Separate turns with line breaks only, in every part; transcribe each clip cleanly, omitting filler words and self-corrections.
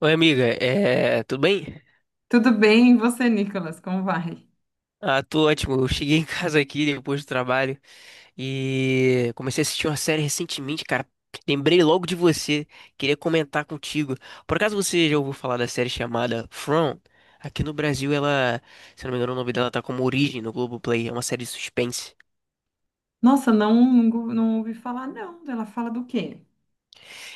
Oi, amiga, tudo bem?
Tudo bem, e você, Nicolas? Como vai?
Ah, tô ótimo. Eu cheguei em casa aqui depois do trabalho e comecei a assistir uma série recentemente, cara. Lembrei logo de você, queria comentar contigo. Por acaso você já ouviu falar da série chamada From? Aqui no Brasil, ela, se eu não me engano, o nome dela tá como Origem no Globoplay, é uma série de suspense.
Nossa, não, não, não ouvi falar, não. Ela fala do quê?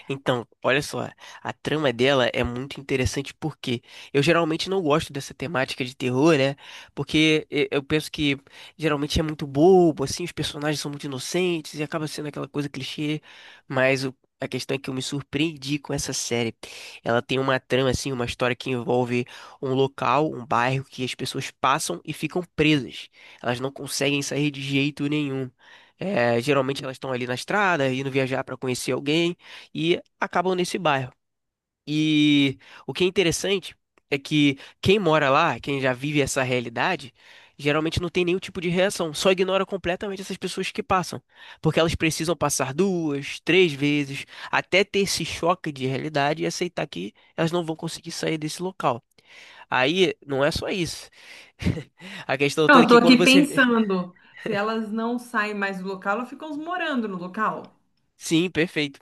Então, olha só, a trama dela é muito interessante porque eu geralmente não gosto dessa temática de terror, né? Eu penso que geralmente é muito bobo, assim, os personagens são muito inocentes e acaba sendo aquela coisa clichê, mas o- a questão é que eu me surpreendi com essa série. Ela tem uma trama, assim, uma história que envolve um local, um bairro que as pessoas passam e ficam presas. Elas não conseguem sair de jeito nenhum. É, geralmente elas estão ali na estrada, indo viajar para conhecer alguém e acabam nesse bairro. E o que é interessante é que quem mora lá, quem já vive essa realidade, geralmente não tem nenhum tipo de reação, só ignora completamente essas pessoas que passam, porque elas precisam passar duas, três vezes até ter esse choque de realidade e aceitar que elas não vão conseguir sair desse local. Aí não é só isso. A questão
Não,
toda é
eu tô
que quando
aqui
você.
pensando. Se elas não saem mais do local, elas ficam morando no local.
Sim, perfeito.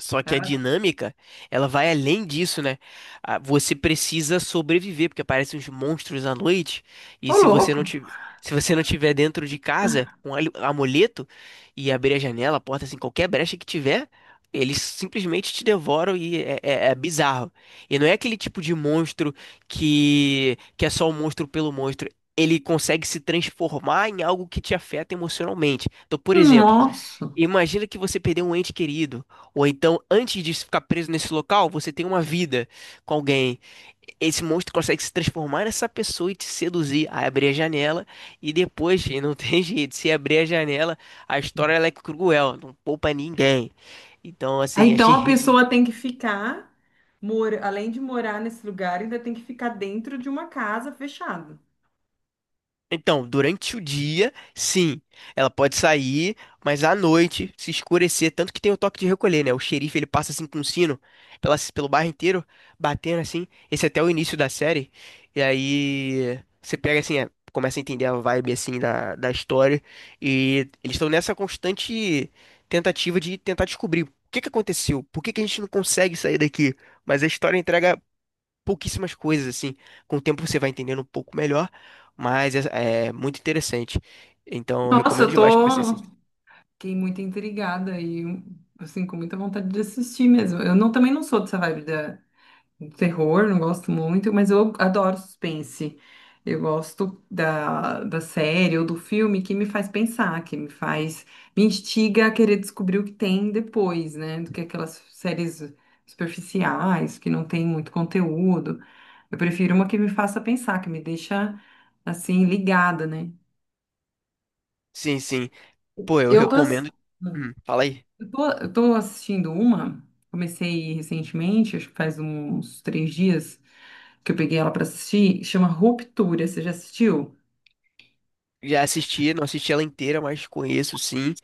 Só que a
Ela-
dinâmica, ela vai além disso, né? Ah, você precisa sobreviver, porque aparecem uns monstros à noite, e
Ô,
se você
louco!
não tiver, se você não tiver dentro de casa com amuleto e abrir a janela, a porta, assim, qualquer brecha que tiver, eles simplesmente te devoram e é bizarro. E não é aquele tipo de monstro que é só o monstro pelo monstro. Ele consegue se transformar em algo que te afeta emocionalmente. Então, por exemplo,
Nossa!
imagina que você perdeu um ente querido, ou então, antes de ficar preso nesse local, você tem uma vida com alguém. Esse monstro consegue se transformar nessa pessoa e te seduzir, aí abrir a janela, e depois, e não tem jeito, se abrir a janela, a história ela é cruel, não poupa ninguém. Então,
Ah,
assim,
então a
achei
pessoa tem que ficar, mora, além de morar nesse lugar, ainda tem que ficar dentro de uma casa fechada.
Então, durante o dia, sim, ela pode sair, mas à noite, se escurecer, tanto que tem o toque de recolher, né? O xerife, ele passa assim com um sino pelo bairro inteiro, batendo assim. Esse é até o início da série. E aí você pega assim, é, começa a entender a vibe assim da história. E eles estão nessa constante tentativa de tentar descobrir o que que aconteceu, por que que a gente não consegue sair daqui. Mas a história entrega pouquíssimas coisas, assim. Com o tempo você vai entendendo um pouco melhor, mas é muito interessante. Então, eu
Nossa,
recomendo
eu
demais que você
tô.
assista.
Fiquei muito intrigada e, assim, com muita vontade de assistir mesmo. Eu não, também não sou dessa vibe da terror, não gosto muito, mas eu adoro suspense. Eu gosto da série ou do filme que me faz pensar, que me faz, me instiga a querer descobrir o que tem depois, né? Do que aquelas séries superficiais, que não tem muito conteúdo. Eu prefiro uma que me faça pensar, que me deixa assim ligada, né?
Sim, sim. Pô, eu
Eu tô, ass-
recomendo. Fala aí.
eu tô assistindo uma, comecei recentemente, acho que faz uns 3 dias que eu peguei ela pra assistir, chama Ruptura. Você já assistiu?
Já assisti, não assisti ela inteira, mas conheço sim.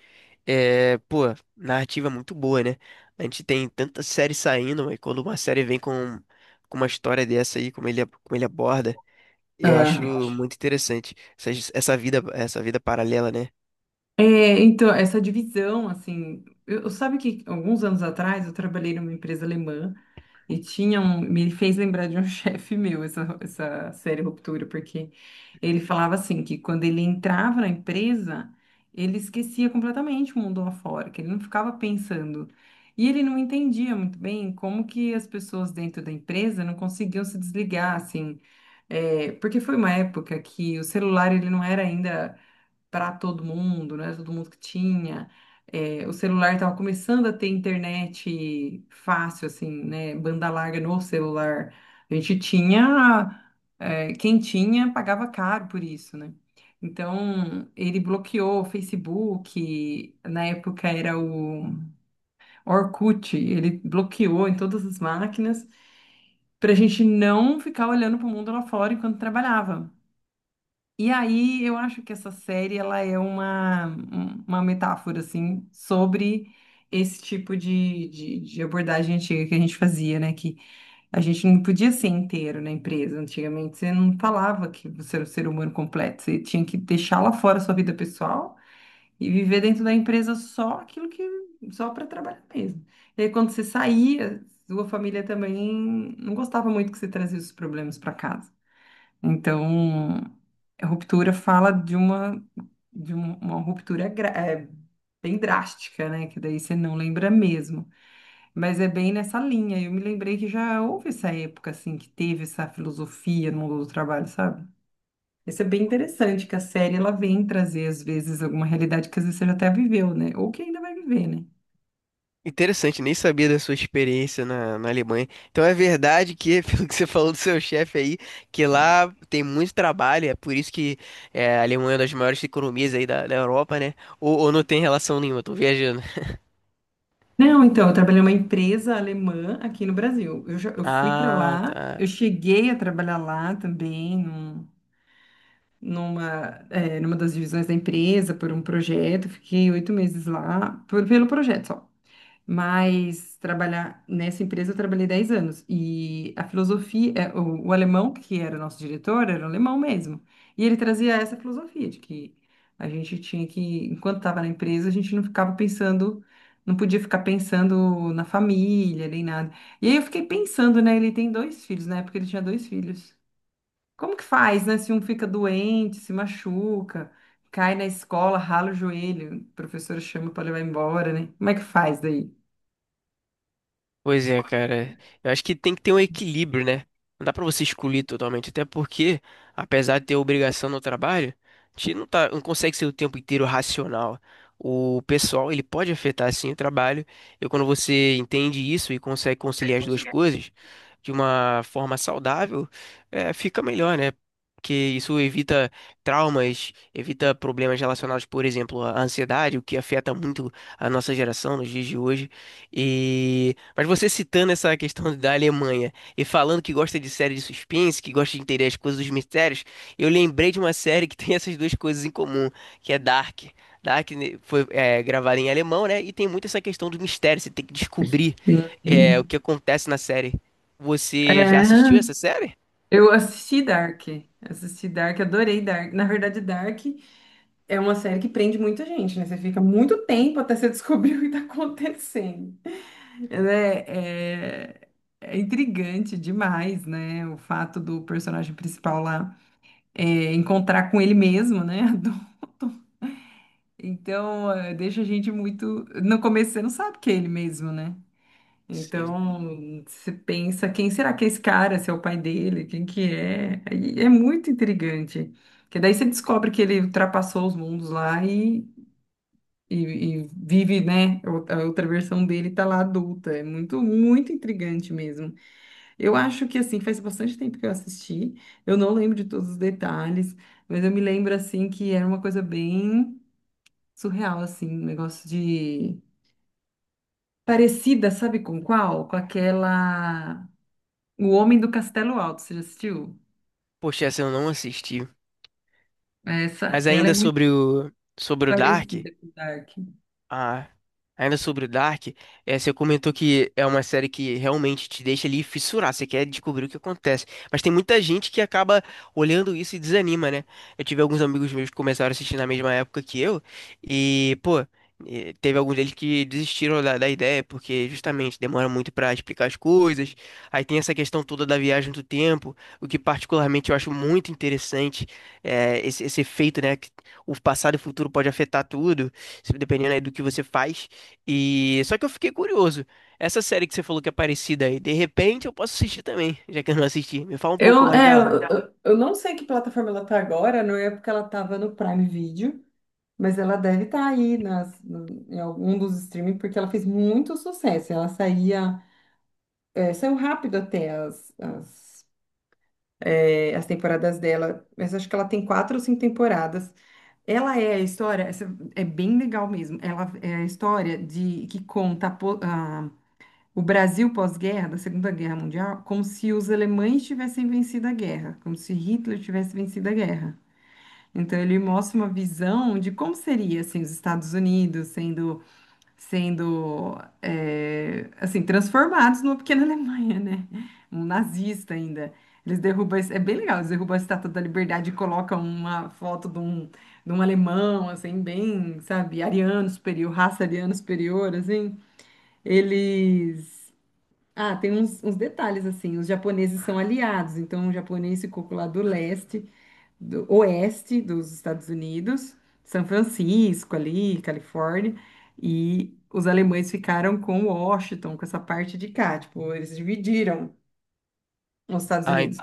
É, pô, narrativa é muito boa, né? A gente tem tanta série saindo, e quando uma série vem com uma história dessa aí, como ele aborda, eu
Ah,
acho muito interessante essa, essa vida paralela, né?
Então, essa divisão, assim, sabe que alguns anos atrás eu trabalhei numa empresa alemã. E tinha um, me fez lembrar de um chefe meu essa série Ruptura, porque ele falava assim que quando ele entrava na empresa, ele esquecia completamente o mundo lá fora, que ele não ficava pensando. E ele não entendia muito bem como que as pessoas dentro da empresa não conseguiam se desligar, assim. Porque foi uma época que o celular ele não era ainda para todo mundo, não era todo mundo que tinha. O celular estava começando a ter internet fácil, assim, né? Banda larga no celular. A gente tinha, quem tinha pagava caro por isso, né? Então, ele bloqueou o Facebook, na época era o Orkut, ele bloqueou em todas as máquinas para a gente não ficar olhando para o mundo lá fora enquanto trabalhava. E aí eu acho que essa série ela é uma metáfora assim sobre esse tipo de abordagem antiga que a gente fazia, né? Que a gente não podia ser inteiro na empresa. Antigamente você não falava que você era um ser humano completo, você tinha que deixar lá fora a sua vida pessoal e viver dentro da empresa só aquilo que só para trabalhar mesmo. E aí, quando você saía, sua família também não gostava muito que você trazia os problemas para casa. Então, a ruptura fala de uma de um- uma ruptura bem drástica, né? Que daí você não lembra mesmo. Mas é bem nessa linha. Eu me lembrei que já houve essa época, assim, que teve essa filosofia no mundo do trabalho, sabe? Isso é bem interessante, que a série ela vem trazer, às vezes, alguma realidade que às vezes você já até viveu, né? Ou que ainda vai viver, né?
Interessante, nem sabia da sua experiência na Alemanha. Então é verdade que, pelo que você falou do seu chefe aí, que lá tem muito trabalho, é por isso que é, a Alemanha é uma das maiores economias aí da Europa, né? Ou não tem relação nenhuma, eu tô viajando.
Não, então, eu trabalhei numa empresa alemã aqui no Brasil. Eu, já, eu fui para
Ah,
lá, eu
tá.
cheguei a trabalhar lá também, numa das divisões da empresa por um projeto, fiquei 8 meses lá pelo projeto só. Mas trabalhar nessa empresa eu trabalhei 10 anos e a filosofia, o alemão que era o nosso diretor era um alemão mesmo e ele trazia essa filosofia de que a gente tinha que, enquanto estava na empresa, a gente não ficava pensando, não podia ficar pensando na família nem nada. E aí eu fiquei pensando, né? Ele tem dois filhos, na época ele tinha dois filhos. Como que faz, né? Se um fica doente, se machuca, cai na escola, rala o joelho, o professor chama para levar embora, né? Como é que faz daí?
Pois é, cara. Eu acho que tem que ter um equilíbrio, né? Não dá pra você excluir totalmente, até porque, apesar de ter obrigação no trabalho, a gente não tá, não consegue ser o tempo inteiro racional. O pessoal, ele pode afetar sim o trabalho. E quando você entende isso e consegue conciliar as duas coisas de uma forma saudável, é, fica melhor, né? Porque isso evita traumas, evita problemas relacionados, por exemplo, à ansiedade, o que afeta muito a nossa geração nos dias de hoje. E... mas você citando essa questão da Alemanha e falando que gosta de série de suspense, que gosta de entender as coisas dos mistérios, eu lembrei de uma série que tem essas duas coisas em comum, que é Dark. Dark né, foi é, gravada em alemão, né? E tem muito essa questão do mistério, você tem que descobrir é, o
Sim.
que acontece na série. Você já assistiu
É,
essa série?
Eu assisti Dark, adorei Dark. Na verdade, Dark é uma série que prende muita gente, né? Você fica muito tempo até você descobrir o que tá acontecendo. Ela É, é- É intrigante demais, né? O fato do personagem principal lá encontrar com ele mesmo, né? Então, deixa a gente muito. No começo você não sabe que é ele mesmo, né?
Sim.
Então, você pensa, quem será que é esse cara? Se é o pai dele? Quem que é? Aí é muito intrigante. Porque daí você descobre que ele ultrapassou os mundos lá e vive, né? A outra versão dele tá lá adulta. É muito, muito intrigante mesmo. Eu acho que, assim, faz bastante tempo que eu assisti. Eu não lembro de todos os detalhes, mas eu me lembro, assim, que era uma coisa bem surreal, assim, um negócio de... Parecida, sabe com qual? Com aquela... O Homem do Castelo Alto, você já assistiu?
Poxa, essa eu não assisti.
Essa,
Mas
ela é
ainda
muito
sobre o Dark.
parecida com Dark.
Ah, ainda sobre o Dark, é, você comentou que é uma série que realmente te deixa ali fissurar, você quer descobrir o que acontece. Mas tem muita gente que acaba olhando isso e desanima, né? Eu tive alguns amigos meus que começaram a assistir na mesma época que eu, e, pô, teve alguns deles que desistiram da ideia, porque justamente demora muito pra explicar as coisas. Aí tem essa questão toda da viagem do tempo, o que particularmente eu acho muito interessante, é, esse efeito, né? Que o passado e o futuro pode afetar tudo dependendo aí do que você faz. E só que eu fiquei curioso. Essa série que você falou que é parecida aí, de repente eu posso assistir também, já que eu não assisti. Me fala um pouco
Eu,
mais
é,
dela.
eu não sei que plataforma ela tá agora, não é porque ela tava no Prime Video, mas ela deve estar aí nas, no- em algum dos streaming, porque ela fez muito sucesso. Ela saía, saiu rápido até as temporadas dela, mas acho que ela tem quatro ou cinco temporadas. Ela é a história, essa é bem legal mesmo. Ela é a história de que conta o Brasil pós-guerra, da Segunda Guerra Mundial, como se os alemães tivessem vencido a guerra, como se Hitler tivesse vencido a guerra. Então ele mostra uma visão de como seria assim os Estados Unidos sendo assim transformados numa pequena Alemanha, né? Um nazista ainda. Eles derrubam, é bem legal, eles derrubam a Estátua da Liberdade e colocam uma foto de um, alemão, assim, bem, sabe, ariano superior, raça ariana superior, assim. Eles. Ah, tem uns detalhes, assim, os japoneses são aliados, então o japonês ficou lá do leste do oeste dos Estados Unidos, São Francisco ali, Califórnia, e os alemães ficaram com Washington, com essa parte de cá, tipo, eles dividiram os Estados
Ah,
Unidos.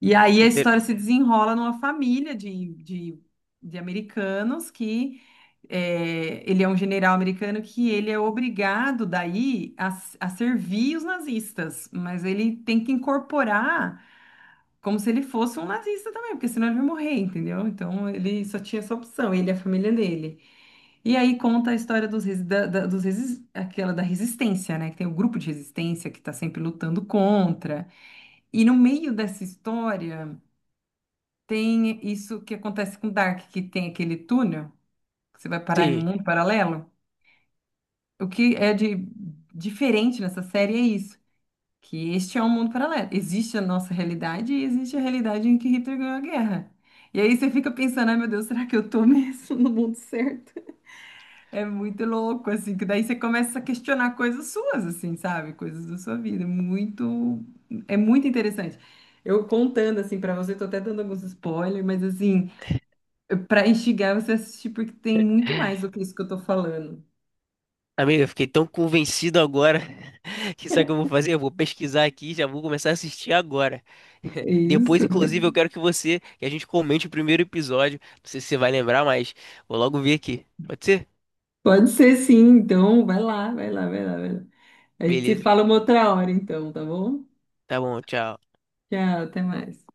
E aí a
inte-
história se desenrola numa família de americanos que ele é um general americano que ele é obrigado daí a servir os nazistas, mas ele tem que incorporar como se ele fosse um nazista também, porque senão ele ia morrer, entendeu? Então ele só tinha essa opção, ele e a família dele. E aí conta a história dos, resi- da, da- dos resi- aquela da resistência, né? Que tem o grupo de resistência que está sempre lutando contra. E no meio dessa história tem isso que acontece com Dark, que tem aquele túnel, que você vai parar em um
sim.
mundo paralelo. O que é de diferente nessa série é isso. Que este é um mundo paralelo. Existe a nossa realidade e existe a realidade em que Hitler ganhou a guerra. E aí você fica pensando, ai meu Deus, será que eu tô mesmo no mundo certo? É muito louco, assim, que daí você começa a questionar coisas suas, assim, sabe? Coisas da sua vida. É muito interessante. Eu contando, assim, pra você, tô até dando alguns spoilers, mas, assim, pra instigar você a assistir, porque tem muito mais do que isso que eu tô falando.
Amigo, eu fiquei tão convencido agora que sabe o que eu vou fazer? Eu vou pesquisar aqui, e já vou começar a assistir agora.
É
Depois,
isso, né?
inclusive, eu quero que você, que a gente comente o primeiro episódio. Não sei se você vai lembrar, mas vou logo ver aqui. Pode ser?
Pode ser sim, então vai lá, vai lá, vai lá, vai lá. A gente se
Beleza.
fala uma outra hora, então, tá bom?
Tá bom, tchau.
Tchau, até mais.